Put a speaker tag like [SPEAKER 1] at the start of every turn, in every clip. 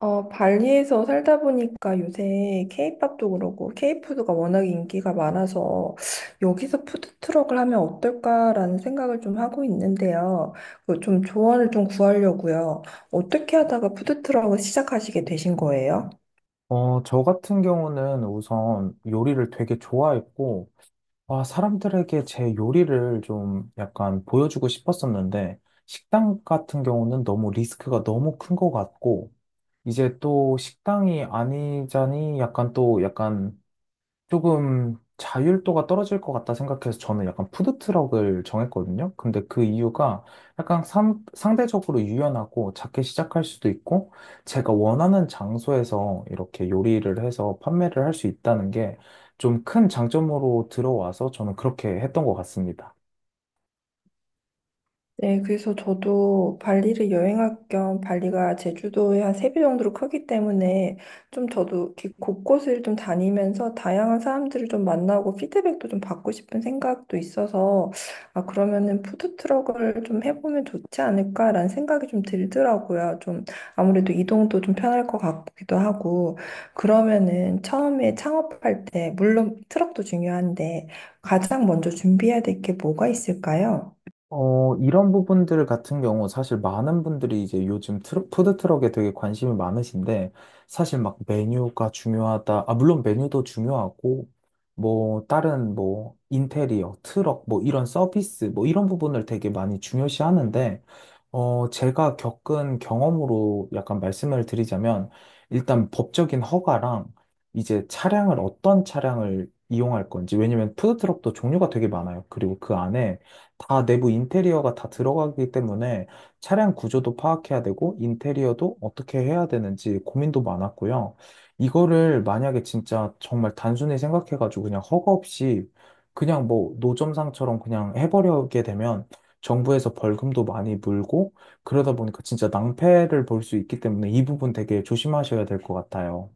[SPEAKER 1] 발리에서 살다 보니까 요새 케이팝도 그렇고 케이푸드가 워낙 인기가 많아서 여기서 푸드트럭을 하면 어떨까라는 생각을 좀 하고 있는데요. 그좀 조언을 좀 구하려고요. 어떻게 하다가 푸드트럭을 시작하시게 되신 거예요?
[SPEAKER 2] 저 같은 경우는 우선 요리를 되게 좋아했고, 아, 사람들에게 제 요리를 좀 약간 보여주고 싶었었는데, 식당 같은 경우는 너무 리스크가 너무 큰 것 같고, 이제 또 식당이 아니자니 약간 또 약간 조금 자율도가 떨어질 것 같다 생각해서 저는 약간 푸드트럭을 정했거든요. 근데 그 이유가 약간 상대적으로 유연하고 작게 시작할 수도 있고, 제가 원하는 장소에서 이렇게 요리를 해서 판매를 할 수 있다는 게 좀 큰 장점으로 들어와서 저는 그렇게 했던 것 같습니다.
[SPEAKER 1] 네, 그래서 저도 발리를 여행할 겸 발리가 제주도의 한 세 배 정도로 크기 때문에 좀 저도 이렇게 곳곳을 좀 다니면서 다양한 사람들을 좀 만나고 피드백도 좀 받고 싶은 생각도 있어서 아, 그러면은 푸드트럭을 좀 해보면 좋지 않을까라는 생각이 좀 들더라고요. 좀 아무래도 이동도 좀 편할 것 같기도 하고 그러면은 처음에 창업할 때 물론 트럭도 중요한데 가장 먼저 준비해야 될 게 뭐가 있을까요?
[SPEAKER 2] 이런 부분들 같은 경우 사실 많은 분들이 이제 요즘 트럭, 푸드트럭에 되게 관심이 많으신데, 사실 막 메뉴가 중요하다, 아, 물론 메뉴도 중요하고 뭐 다른 뭐 인테리어, 트럭 뭐 이런 서비스 뭐 이런 부분을 되게 많이 중요시 하는데, 제가 겪은 경험으로 약간 말씀을 드리자면, 일단 법적인 허가랑 이제 차량을 어떤 차량을 이용할 건지. 왜냐면 푸드트럭도 종류가 되게 많아요. 그리고 그 안에 다 내부 인테리어가 다 들어가기 때문에 차량 구조도 파악해야 되고 인테리어도 어떻게 해야 되는지 고민도 많았고요. 이거를 만약에 진짜 정말 단순히 생각해가지고 그냥 허가 없이 그냥 뭐 노점상처럼 그냥 해버리게 되면 정부에서 벌금도 많이 물고, 그러다 보니까 진짜 낭패를 볼 수 있기 때문에 이 부분 되게 조심하셔야 될 것 같아요.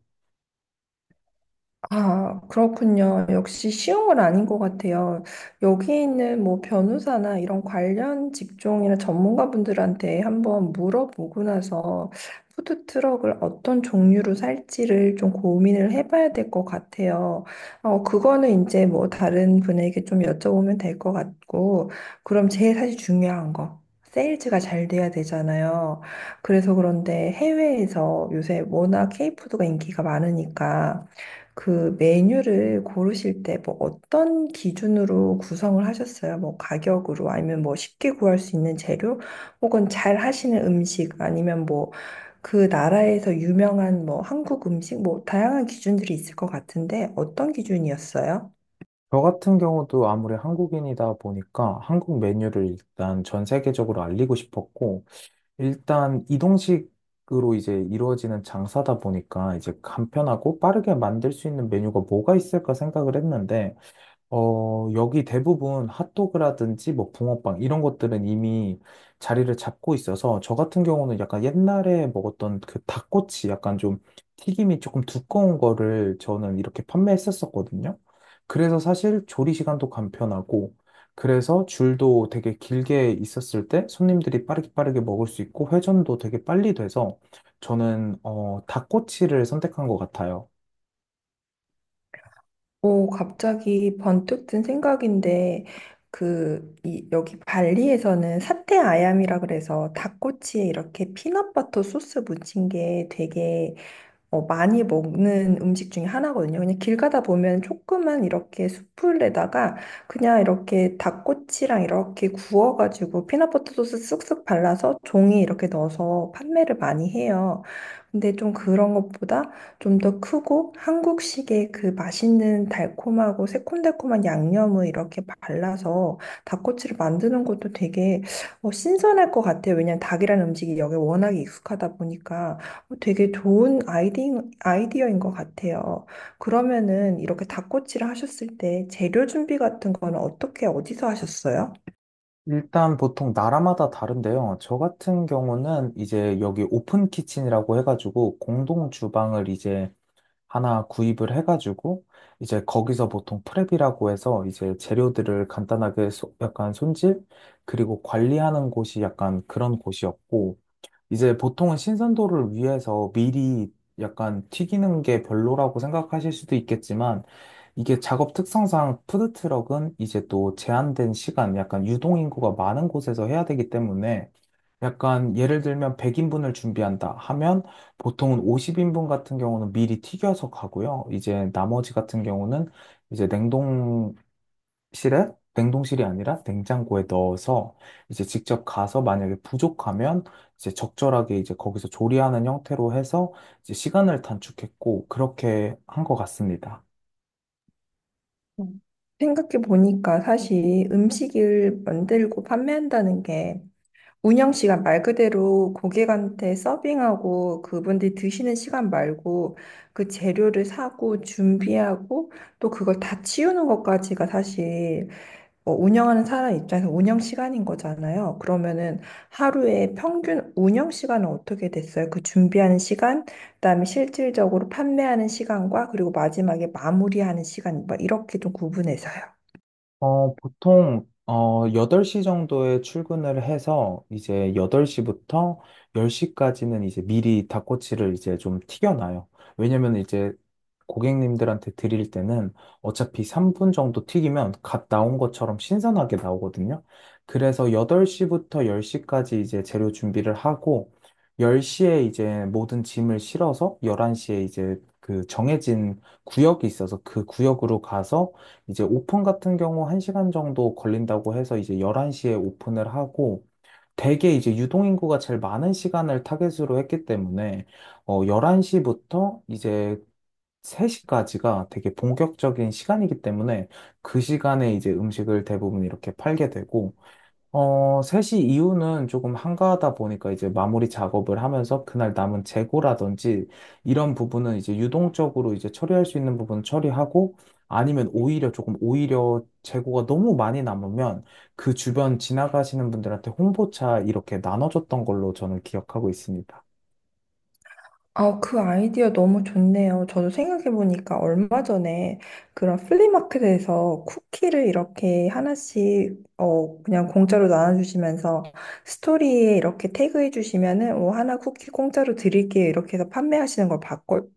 [SPEAKER 1] 아, 그렇군요. 역시 쉬운 건 아닌 것 같아요. 여기 있는 뭐 변호사나 이런 관련 직종이나 전문가분들한테 한번 물어보고 나서 푸드트럭을 어떤 종류로 살지를 좀 고민을 해봐야 될 것 같아요. 그거는 이제 뭐 다른 분에게 좀 여쭤보면 될 것 같고, 그럼 제일 사실 중요한 거. 세일즈가 잘 돼야 되잖아요. 그래서 그런데 해외에서 요새 워낙 케이푸드가 인기가 많으니까 그 메뉴를 고르실 때 뭐 어떤 기준으로 구성을 하셨어요? 뭐 가격으로 아니면 뭐 쉽게 구할 수 있는 재료 혹은 잘 하시는 음식 아니면 뭐 그 나라에서 유명한 뭐 한국 음식 뭐 다양한 기준들이 있을 것 같은데 어떤 기준이었어요?
[SPEAKER 2] 저 같은 경우도 아무리 한국인이다 보니까 한국 메뉴를 일단 전 세계적으로 알리고 싶었고, 일단 이동식으로 이제 이루어지는 장사다 보니까 이제 간편하고 빠르게 만들 수 있는 메뉴가 뭐가 있을까 생각을 했는데, 여기 대부분 핫도그라든지 뭐 붕어빵 이런 것들은 이미 자리를 잡고 있어서, 저 같은 경우는 약간 옛날에 먹었던 그 닭꼬치, 약간 좀 튀김이 조금 두꺼운 거를 저는 이렇게 판매했었었거든요. 그래서 사실 조리 시간도 간편하고, 그래서 줄도 되게 길게 있었을 때 손님들이 빠르게 빠르게 먹을 수 있고 회전도 되게 빨리 돼서 저는 닭꼬치를 선택한 것 같아요.
[SPEAKER 1] 오, 갑자기 번뜩 든 생각인데 그 이, 여기 발리에서는 사테 아얌이라 그래서 닭꼬치에 이렇게 피넛버터 소스 묻힌 게 되게 많이 먹는 음식 중에 하나거든요. 그냥 길 가다 보면 조그만 이렇게 숯불에다가 그냥 이렇게 닭꼬치랑 이렇게 구워가지고 피넛버터 소스 쓱쓱 발라서 종이 이렇게 넣어서 판매를 많이 해요. 근데 좀 그런 것보다 좀 더 크고 한국식의 그 맛있는 달콤하고 새콤달콤한 양념을 이렇게 발라서 닭꼬치를 만드는 것도 되게 신선할 것 같아요. 왜냐면 닭이라는 음식이 여기 워낙에 익숙하다 보니까. 어, 되게 좋은 아이디어인 것 같아요. 그러면은 이렇게 닭꼬치를 하셨을 때 재료 준비 같은 거는 어떻게, 어디서 하셨어요?
[SPEAKER 2] 일단 보통 나라마다 다른데요. 저 같은 경우는 이제 여기 오픈 키친이라고 해가지고 공동 주방을 이제 하나 구입을 해가지고, 이제 거기서 보통 프랩이라고 해서 이제 재료들을 간단하게 약간 손질 그리고 관리하는 곳이 약간 그런 곳이었고, 이제 보통은 신선도를 위해서 미리 약간 튀기는 게 별로라고 생각하실 수도 있겠지만, 이게 작업 특성상 푸드트럭은 이제 또 제한된 시간, 약간 유동인구가 많은 곳에서 해야 되기 때문에, 약간 예를 들면 100인분을 준비한다 하면 보통은 50인분 같은 경우는 미리 튀겨서 가고요. 이제 나머지 같은 경우는 이제 냉동 실에 냉동실이 아니라 냉장고에 넣어서 이제 직접 가서 만약에 부족하면 이제 적절하게 이제 거기서 조리하는 형태로 해서 이제 시간을 단축했고 그렇게 한 것 같습니다.
[SPEAKER 1] 음. 생각해 보니까 사실 음식을 만들고 판매한다는 게 운영 시간 말 그대로 고객한테 서빙하고 그분들이 드시는 시간 말고 그 재료를 사고 준비하고 또 그걸 다 치우는 것까지가 사실 뭐 운영하는 사람 입장에서 운영 시간인 거잖아요. 그러면은 하루에 평균 운영 시간은 어떻게 됐어요? 그 준비하는 시간, 그다음에 실질적으로 판매하는 시간과 그리고 마지막에 마무리하는 시간, 막 이렇게 좀 구분해서요.
[SPEAKER 2] 보통, 8시 정도에 출근을 해서 이제 8시부터 10시까지는 이제 미리 닭꼬치를 이제 좀 튀겨놔요. 왜냐면 이제 고객님들한테 드릴 때는 어차피 3분 정도 튀기면 갓 나온 것처럼 신선하게 나오거든요. 그래서 8시부터 10시까지 이제 재료 준비를 하고, 10시에 이제 모든 짐을 실어서 11시에, 이제 그 정해진 구역이 있어서 그 구역으로 가서, 이제 오픈 같은 경우 1시간 정도 걸린다고 해서 이제 11시에 오픈을 하고, 대게 이제 유동인구가 제일 많은 시간을 타겟으로 했기 때문에 11시부터 이제 3시까지가 되게 본격적인 시간이기 때문에, 그 시간에 이제 음식을 대부분 이렇게 팔게 되고, 3시 이후는 조금 한가하다 보니까 이제 마무리 작업을 하면서 그날 남은 재고라든지 이런 부분은 이제 유동적으로 이제 처리할 수 있는 부분 처리하고, 아니면 오히려 조금, 오히려 재고가 너무 많이 남으면 그 주변 지나가시는 분들한테 홍보차 이렇게 나눠줬던 걸로 저는 기억하고 있습니다.
[SPEAKER 1] 아, 그 아이디어 너무 좋네요. 저도 생각해보니까 얼마 전에 그런 플리마켓에서 쿠키를 이렇게 하나씩, 그냥 공짜로 나눠주시면서 스토리에 이렇게 태그해주시면은, 뭐, 하나 쿠키 공짜로 드릴게요. 이렇게 해서 판매하시는 걸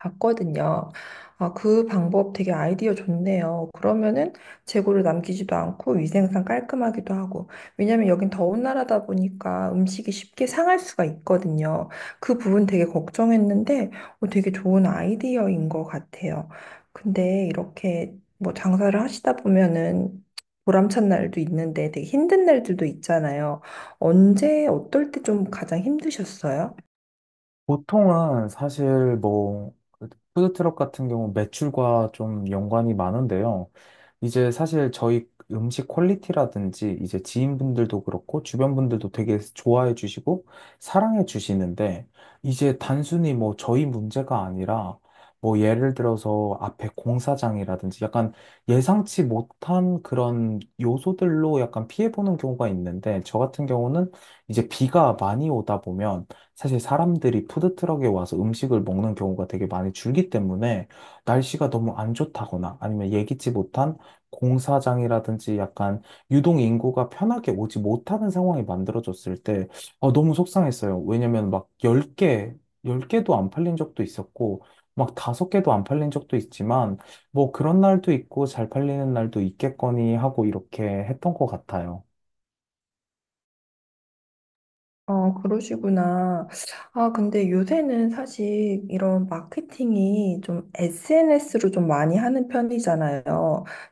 [SPEAKER 1] 봤거든요. 아, 그 방법 되게 아이디어 좋네요. 그러면은 재고를 남기지도 않고 위생상 깔끔하기도 하고. 왜냐면 여긴 더운 나라다 보니까 음식이 쉽게 상할 수가 있거든요. 그 부분 되게 걱정했는데 되게 좋은 아이디어인 것 같아요. 근데 이렇게 뭐 장사를 하시다 보면은 보람찬 날도 있는데 되게 힘든 날들도 있잖아요. 언제, 어떨 때 좀 가장 힘드셨어요?
[SPEAKER 2] 보통은 사실 뭐 푸드트럭 같은 경우 매출과 좀 연관이 많은데요. 이제 사실 저희 음식 퀄리티라든지 이제 지인분들도 그렇고 주변 분들도 되게 좋아해 주시고 사랑해 주시는데, 이제 단순히 뭐 저희 문제가 아니라 뭐 예를 들어서 앞에 공사장이라든지 약간 예상치 못한 그런 요소들로 약간 피해 보는 경우가 있는데, 저 같은 경우는 이제 비가 많이 오다 보면 사실 사람들이 푸드트럭에 와서 음식을 먹는 경우가 되게 많이 줄기 때문에, 날씨가 너무 안 좋다거나 아니면 예기치 못한 공사장이라든지 약간 유동 인구가 편하게 오지 못하는 상황이 만들어졌을 때 너무 속상했어요. 왜냐면 막 10개, 10개도 안 팔린 적도 있었고 막 5개도 안 팔린 적도 있지만, 뭐 그런 날도 있고 잘 팔리는 날도 있겠거니 하고 이렇게 했던 것 같아요.
[SPEAKER 1] 어, 그러시구나. 아, 근데 요새는 사실 이런 마케팅이 좀 SNS로 좀 많이 하는 편이잖아요.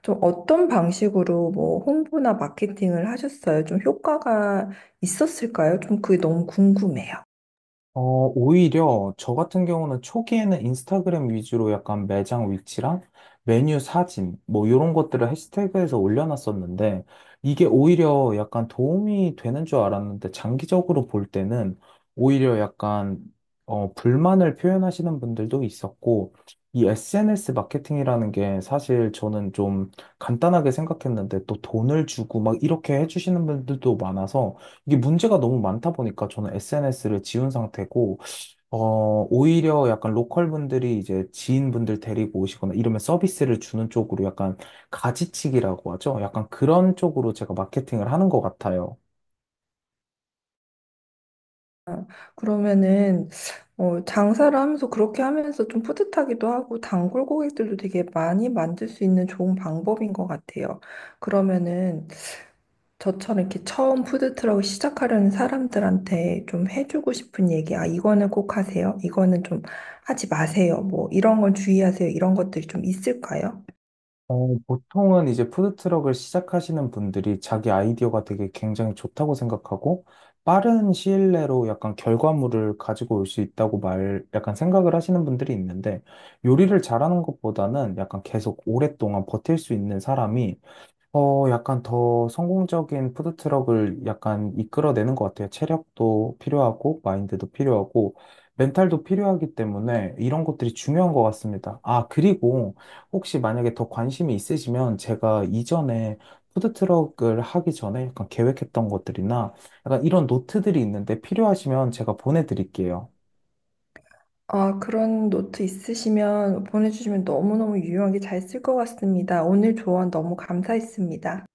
[SPEAKER 1] 좀 어떤 방식으로 뭐 홍보나 마케팅을 하셨어요? 좀 효과가 있었을까요? 좀 그게 너무 궁금해요.
[SPEAKER 2] 어, 오히려 저 같은 경우는 초기에는 인스타그램 위주로 약간 매장 위치랑 메뉴 사진 뭐 이런 것들을 해시태그에서 올려놨었는데, 이게 오히려 약간 도움이 되는 줄 알았는데 장기적으로 볼 때는 오히려 약간 불만을 표현하시는 분들도 있었고, 이 SNS 마케팅이라는 게 사실 저는 좀 간단하게 생각했는데 또 돈을 주고 막 이렇게 해주시는 분들도 많아서, 이게 문제가 너무 많다 보니까 저는 SNS를 지운 상태고, 오히려 약간 로컬 분들이 이제 지인분들 데리고 오시거나 이러면 서비스를 주는 쪽으로 약간, 가지치기라고 하죠. 약간 그런 쪽으로 제가 마케팅을 하는 것 같아요.
[SPEAKER 1] 그러면은, 장사를 하면서 그렇게 하면서 좀 뿌듯하기도 하고, 단골 고객들도 되게 많이 만들 수 있는 좋은 방법인 것 같아요. 그러면은, 저처럼 이렇게 처음 푸드트럭을 시작하려는 사람들한테 좀 해주고 싶은 얘기, 아, 이거는 꼭 하세요. 이거는 좀 하지 마세요. 뭐, 이런 건 주의하세요. 이런 것들이 좀 있을까요?
[SPEAKER 2] 보통은 이제 푸드트럭을 시작하시는 분들이 자기 아이디어가 되게 굉장히 좋다고 생각하고 빠른 시일 내로 약간 결과물을 가지고 올 수 있다고 약간 생각을 하시는 분들이 있는데, 요리를 잘하는 것보다는 약간 계속 오랫동안 버틸 수 있는 사람이 약간 더 성공적인 푸드트럭을 약간 이끌어내는 것 같아요. 체력도 필요하고, 마인드도 필요하고, 멘탈도 필요하기 때문에 이런 것들이 중요한 것 같습니다. 아, 그리고 혹시 만약에 더 관심이 있으시면 제가 이전에 푸드트럭을 하기 전에 약간 계획했던 것들이나 약간 이런 노트들이 있는데 필요하시면 제가 보내드릴게요.
[SPEAKER 1] 아, 그런 노트 있으시면 보내주시면 너무너무 유용하게 잘 쓸 것 같습니다. 오늘 조언 너무 감사했습니다.